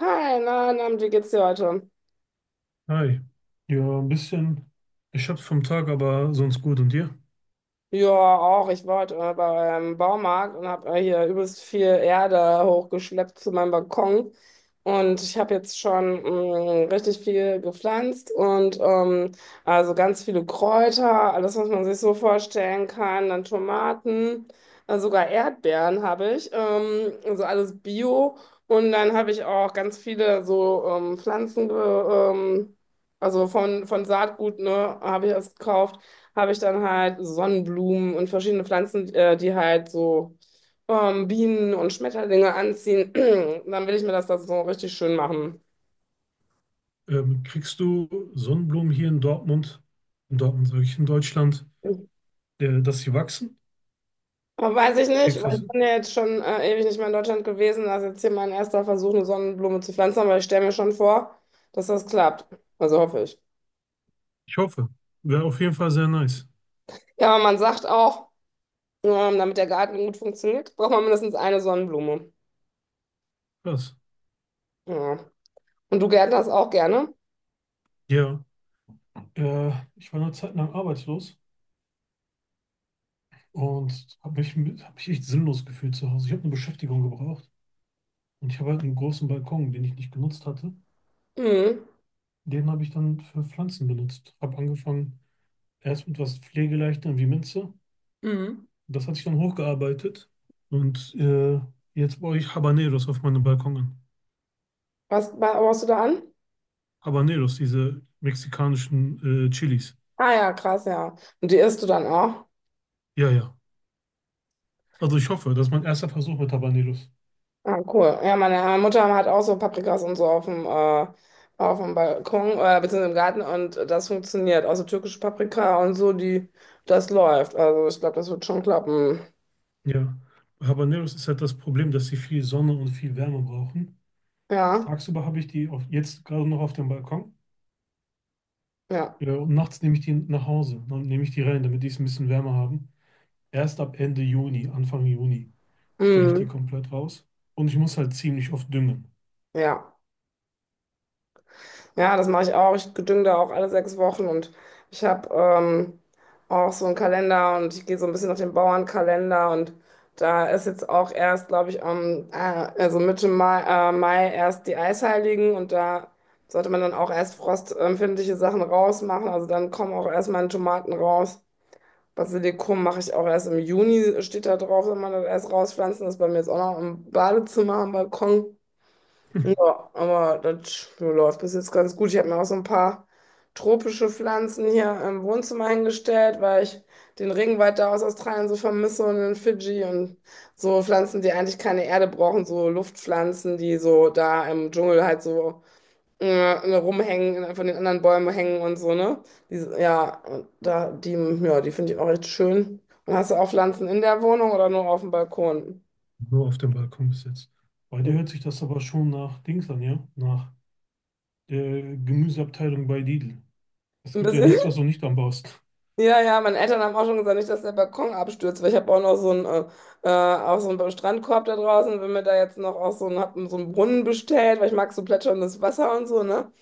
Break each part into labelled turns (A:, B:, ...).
A: Hi, mein Name ist Georgio.
B: Hi. Ja, ein bisschen. Ich hab's vom Tag, aber sonst gut. Und dir?
A: Ja, auch. Ich war heute beim Baumarkt und habe hier übelst viel Erde hochgeschleppt zu meinem Balkon. Und ich habe jetzt schon richtig viel gepflanzt und also ganz viele Kräuter, alles, was man sich so vorstellen kann, dann Tomaten, sogar Erdbeeren habe ich, also alles Bio. Und dann habe ich auch ganz viele so Pflanzen, ähm, also von Saatgut, ne, habe ich erst gekauft habe ich dann halt Sonnenblumen und verschiedene Pflanzen, die halt so Bienen und Schmetterlinge anziehen. Dann will ich mir das so richtig schön machen.
B: Kriegst du Sonnenblumen hier in Dortmund sage ich, in Deutschland, dass sie wachsen?
A: Aber weiß ich nicht,
B: Kriegst du
A: weil
B: das
A: ich
B: hin?
A: bin ja jetzt schon ewig nicht mehr in Deutschland gewesen. Das ist jetzt hier mein erster Versuch, eine Sonnenblume zu pflanzen, aber ich stelle mir schon vor, dass das klappt. Also hoffe ich.
B: Ich hoffe. Wäre auf jeden Fall sehr nice.
A: Ja, aber man sagt auch, damit der Garten gut funktioniert, braucht man mindestens eine Sonnenblume.
B: Krass.
A: Ja. Und du gärtnerst auch gerne?
B: Ja, äh, ich war eine Zeit lang arbeitslos und hab mich echt sinnlos gefühlt zu Hause. Ich habe eine Beschäftigung gebraucht und ich habe halt einen großen Balkon, den ich nicht genutzt hatte.
A: Mhm.
B: Den habe ich dann für Pflanzen benutzt. Habe angefangen erst mit was Pflegeleichtem wie Minze.
A: Mhm.
B: Das hat sich dann hochgearbeitet und jetzt baue ich Habaneros auf meinem Balkon an.
A: Was baust du da an?
B: Habaneros, diese mexikanischen Chilis.
A: Ah ja, krass, ja. Und die isst du dann auch?
B: Ja, ja. Also ich hoffe, das ist mein erster Versuch mit Habaneros.
A: Ah, cool. Ja, meine Mutter hat auch so Paprikas und so auf dem Balkon, beziehungsweise im Garten und das funktioniert. Also türkische Paprika und so, die, das läuft. Also ich glaube, das wird schon klappen.
B: Ja. Bei Habaneros ist halt das Problem, dass sie viel Sonne und viel Wärme brauchen.
A: Ja,
B: Tagsüber habe ich die auf, jetzt gerade noch auf dem Balkon.
A: ja.
B: Ja, und nachts nehme ich die nach Hause. Dann nehme ich die rein, damit die es ein bisschen wärmer haben. Erst ab Ende Juni, Anfang Juni, stelle ich die
A: Mm,
B: komplett raus. Und ich muss halt ziemlich oft düngen.
A: ja. Ja, das mache ich auch. Ich gedüng da auch alle 6 Wochen und ich habe auch so einen Kalender und ich gehe so ein bisschen nach dem Bauernkalender und da ist jetzt auch erst, glaube ich, am, also Mitte Mai, Mai erst die Eisheiligen und da sollte man dann auch erst frostempfindliche Sachen rausmachen. Also dann kommen auch erst meine Tomaten raus. Basilikum mache ich auch erst im Juni, steht da drauf, wenn man das erst rauspflanzen. Das ist bei mir jetzt auch noch im Badezimmer am Balkon. Ja, aber das läuft bis jetzt ganz gut. Ich habe mir auch so ein paar tropische Pflanzen hier im Wohnzimmer hingestellt, weil ich den Regenwald da aus Australien so vermisse und in Fidschi und so Pflanzen, die eigentlich keine Erde brauchen, so Luftpflanzen, die so da im Dschungel halt so ne, rumhängen, von den anderen Bäumen hängen und so, ne? Die, ja, und da, die, ja, die finde ich auch echt schön. Und hast du auch Pflanzen in der Wohnung oder nur auf dem Balkon?
B: Nur auf dem Balkon bis jetzt. Bei dir hört sich das aber schon nach Dings an, ja? Nach der Gemüseabteilung bei Lidl. Es
A: Ein
B: gibt ja
A: bisschen.
B: nichts, was du nicht anbaust.
A: Ja, ja, meine Eltern haben auch schon gesagt, nicht, dass der Balkon abstürzt, weil ich habe auch noch so einen, auch so einen Strandkorb da draußen. Wenn mir da jetzt noch auch so einen, hab so einen Brunnen bestellt, weil ich mag so plätscherndes Wasser und so, ne?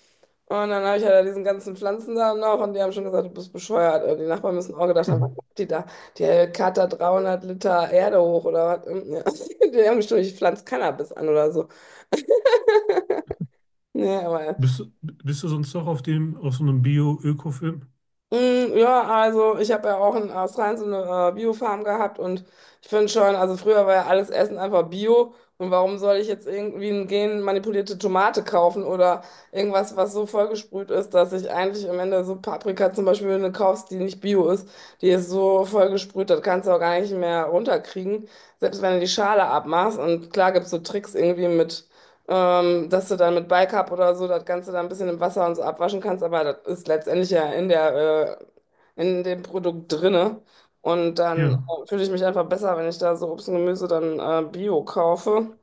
A: Und dann habe ich ja da diesen ganzen Pflanzen da noch und die haben schon gesagt, du bist bescheuert. Die Nachbarn müssen auch gedacht haben, was
B: Hm.
A: macht die da? Die Kater 300 Liter Erde hoch oder was? Ja. Die haben bestimmt, ich pflanze Cannabis an oder so. Nee, aber
B: Bist du sonst noch auf so einem Bio-Öko-Film?
A: Ja, also ich habe ja auch in Australien so eine Biofarm gehabt und ich finde schon, also früher war ja alles Essen einfach Bio und warum soll ich jetzt irgendwie eine genmanipulierte Tomate kaufen oder irgendwas, was so vollgesprüht ist, dass ich eigentlich am Ende so Paprika zum Beispiel wenn du kaufst, die nicht Bio ist, die ist so vollgesprüht, das kannst du auch gar nicht mehr runterkriegen, selbst wenn du die Schale abmachst und klar gibt's so Tricks irgendwie mit dass du dann mit Bicarb oder so das Ganze dann ein bisschen im Wasser und so abwaschen kannst, aber das ist letztendlich ja in der, in dem Produkt drinne. Und dann
B: Ja,
A: fühle ich mich einfach besser, wenn ich da so Obst und Gemüse dann Bio kaufe.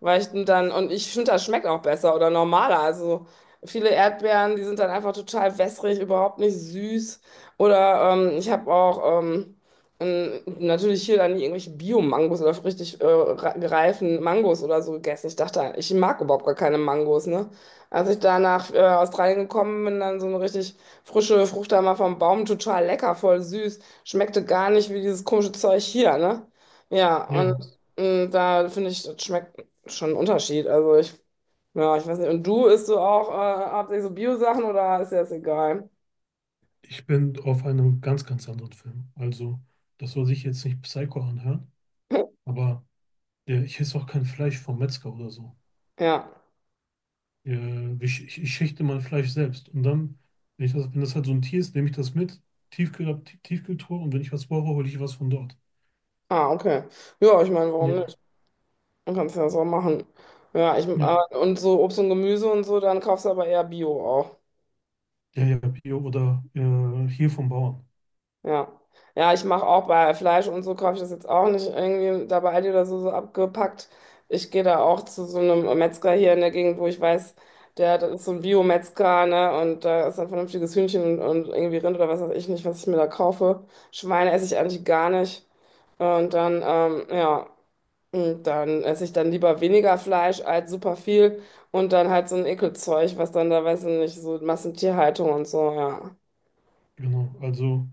A: Weil ich dann, und ich finde, das schmeckt auch besser oder normaler. Also viele Erdbeeren, die sind dann einfach total wässrig, überhaupt nicht süß. Oder ich habe auch natürlich hier dann irgendwelche Bio-Mangos oder richtig reifen Mangos oder so gegessen. Ich dachte, ich mag überhaupt gar keine Mangos, ne? Als ich da nach Australien gekommen bin, dann so eine richtig frische Frucht da mal vom Baum, total lecker, voll süß. Schmeckte gar nicht wie dieses komische Zeug hier, ne? Ja, und.
B: ja.
A: Da finde ich, das schmeckt schon ein Unterschied. Also ich, ja, ich weiß nicht. Und du isst du auch hauptsächlich so Bio-Sachen oder ist dir das egal?
B: Ich bin auf einem ganz, ganz anderen Film. Also, das soll sich jetzt nicht Psycho anhören, aber ich esse auch kein Fleisch vom Metzger oder so.
A: Ja.
B: Ja, ich schächte mein Fleisch selbst. Und dann, wenn das halt so ein Tier ist, nehme ich das mit, Tiefkühltruhe und wenn ich was brauche, hole ich was von dort.
A: Ah, okay. Ja, ich meine, warum nicht?
B: Ja,
A: Man kann es ja so machen. Ja, ich,
B: ja,
A: und so Obst und Gemüse und so, dann kaufst aber eher Bio auch.
B: ja, ja, Bio oder hier vom Bauern.
A: Ja. Ja, ich mache auch bei Fleisch und so kaufe ich das jetzt auch nicht irgendwie da bei Aldi oder so, so abgepackt. Ich gehe da auch zu so einem Metzger hier in der Gegend, wo ich weiß, der, das ist so ein Bio-Metzger, ne? Und da ist ein vernünftiges Hühnchen und, irgendwie Rind oder was weiß ich nicht, was ich mir da kaufe. Schweine esse ich eigentlich gar nicht. Und dann, ja, und dann esse ich dann lieber weniger Fleisch als super viel und dann halt so ein Ekelzeug, was dann da, weiß ich nicht, so Massentierhaltung und so, ja.
B: Genau. Also,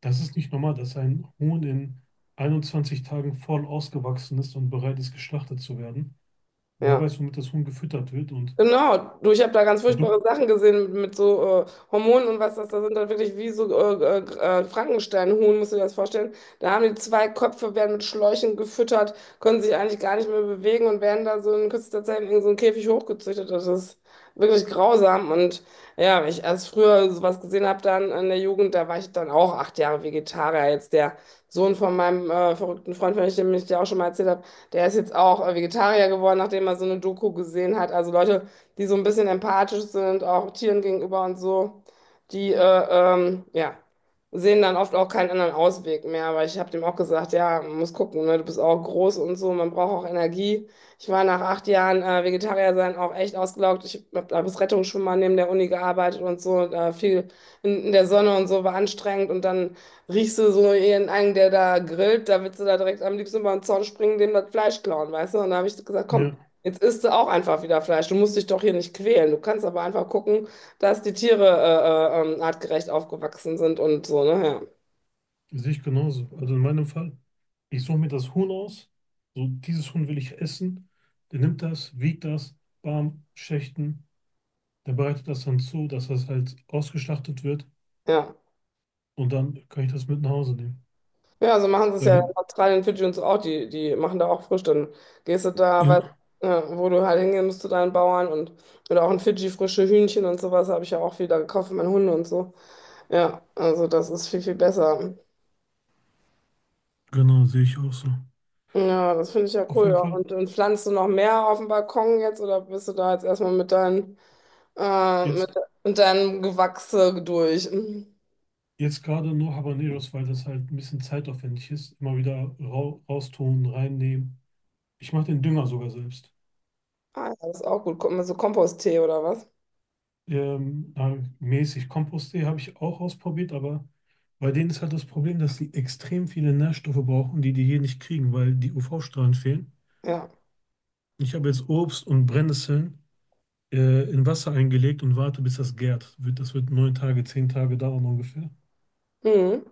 B: das ist nicht normal, dass ein Huhn in 21 Tagen voll ausgewachsen ist und bereit ist, geschlachtet zu werden. Wer
A: Ja.
B: weiß, womit das Huhn gefüttert wird und
A: Genau, du, ich habe da ganz
B: du,
A: furchtbare Sachen gesehen mit so Hormonen und was das da sind, dann wirklich wie so Frankensteinhuhn, musst du dir das vorstellen. Da haben die zwei Köpfe, werden mit Schläuchen gefüttert, können sich eigentlich gar nicht mehr bewegen und werden da so in kürzester Zeit in so einen Käfig hochgezüchtet. Das ist wirklich grausam. Und ja, wenn ich erst früher sowas gesehen habe, dann in der Jugend, da war ich dann auch 8 Jahre Vegetarier. Jetzt der Sohn von meinem verrückten Freund, von dem ich dir auch schon mal erzählt habe, der ist jetzt auch Vegetarier geworden, nachdem er so eine Doku gesehen hat. Also Leute, die so ein bisschen empathisch sind, auch Tieren gegenüber und so, die ja, sehen dann oft auch keinen anderen Ausweg mehr. Aber ich habe dem auch gesagt, ja, man muss gucken, ne? Du bist auch groß und so, man braucht auch Energie. Ich war nach 8 Jahren Vegetarier sein auch echt ausgelaugt. Ich habe als Rettungsschwimmer neben der Uni gearbeitet und so, und, viel in der Sonne und so, war anstrengend und dann riechst du so ihren einen, der da grillt, da willst du da direkt am liebsten über den Zaun springen, dem das Fleisch klauen, weißt du? Und da habe ich gesagt, komm,
B: ja.
A: jetzt isst du auch einfach wieder Fleisch. Du musst dich doch hier nicht quälen. Du kannst aber einfach gucken, dass die Tiere artgerecht aufgewachsen sind und so, ne?
B: Sehe ich genauso. Also in meinem Fall, ich suche mir das Huhn aus. So, dieses Huhn will ich essen. Der nimmt das, wiegt das, bam, Schächten. Der bereitet das dann zu, dass das halt ausgeschlachtet wird.
A: Ja.
B: Und dann kann ich das mit nach Hause nehmen.
A: Ja, ja so machen sie es
B: Weil
A: ja
B: wir-
A: in Australien, Fidschi und so auch. Die, die machen da auch frisch. Dann gehst du da,
B: Ja,
A: weißt, ja, wo du halt hingehen musst zu deinen Bauern und oder auch in Fidschi frische Hühnchen und sowas habe ich ja auch wieder gekauft für meine Hunde und so. Ja, also das ist viel, viel besser.
B: genau, sehe ich auch so.
A: Ja, das finde ich ja
B: Auf
A: cool.
B: jeden
A: Ja.
B: Fall,
A: Und, pflanzt du noch mehr auf dem Balkon jetzt oder bist du da jetzt erstmal mit deinen. Äh, mit,
B: jetzt,
A: mit deinem Gewächse durch. Mhm.
B: jetzt gerade nur Habaneros, weil das halt ein bisschen zeitaufwendig ist. Immer wieder raustun, reinnehmen. Ich mache den Dünger sogar selbst.
A: Ah, ja, das ist auch gut. So Komposttee oder was?
B: Na, mäßig. Kompost.de habe ich auch ausprobiert, aber bei denen ist halt das Problem, dass sie extrem viele Nährstoffe brauchen, die die hier nicht kriegen, weil die UV-Strahlen fehlen.
A: Ja.
B: Ich habe jetzt Obst und Brennnesseln in Wasser eingelegt und warte, bis das gärt. Das wird 9 Tage, 10 Tage dauern ungefähr.
A: Mhm.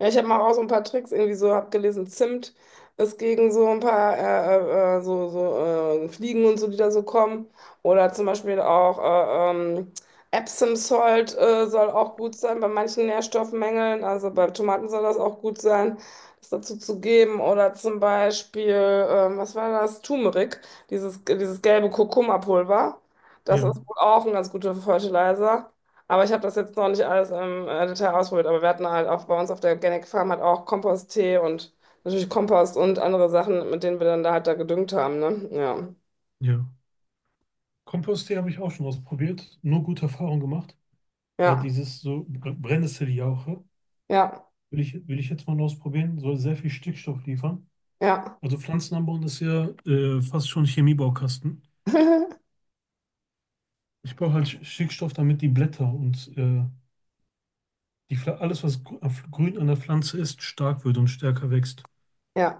A: Ja, ich habe mal auch so ein paar Tricks irgendwie so abgelesen. Zimt ist gegen so ein paar so Fliegen und so, die da so kommen. Oder zum Beispiel auch Epsom Salt soll auch gut sein bei manchen Nährstoffmängeln. Also bei Tomaten soll das auch gut sein, das dazu zu geben. Oder zum Beispiel, was war das? Turmeric, dieses gelbe Kurkuma-Pulver. Das
B: Ja,
A: ist wohl auch ein ganz guter Fertilizer. Aber ich habe das jetzt noch nicht alles im Detail ausprobiert. Aber wir hatten halt auch bei uns auf der Organic Farm halt auch Komposttee und natürlich Kompost und andere Sachen, mit denen wir dann da halt da gedüngt haben, ne? Ja.
B: ja. Kompost.de habe ich auch schon ausprobiert, nur gute Erfahrungen gemacht. Weil
A: Ja.
B: dieses Brennnesseljauche
A: Ja.
B: will ich jetzt mal ausprobieren, soll sehr viel Stickstoff liefern.
A: Ja.
B: Also Pflanzen anbauen ist ja fast schon Chemiebaukasten. Ich brauche halt Stickstoff, damit die Blätter und alles, was grün an der Pflanze ist, stark wird und stärker wächst.
A: Ja.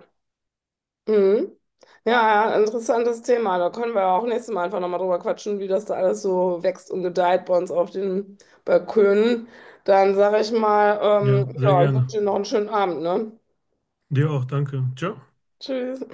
A: Mhm. Ja, ja, interessantes Thema. Da können wir auch nächstes Mal einfach nochmal drüber quatschen, wie das da alles so wächst und gedeiht bei uns auf den Balkönen. Dann sage ich mal,
B: Ja, sehr
A: ja, ich wünsche
B: gerne.
A: dir noch einen schönen Abend, ne?
B: Dir auch, danke. Ciao.
A: Tschüss.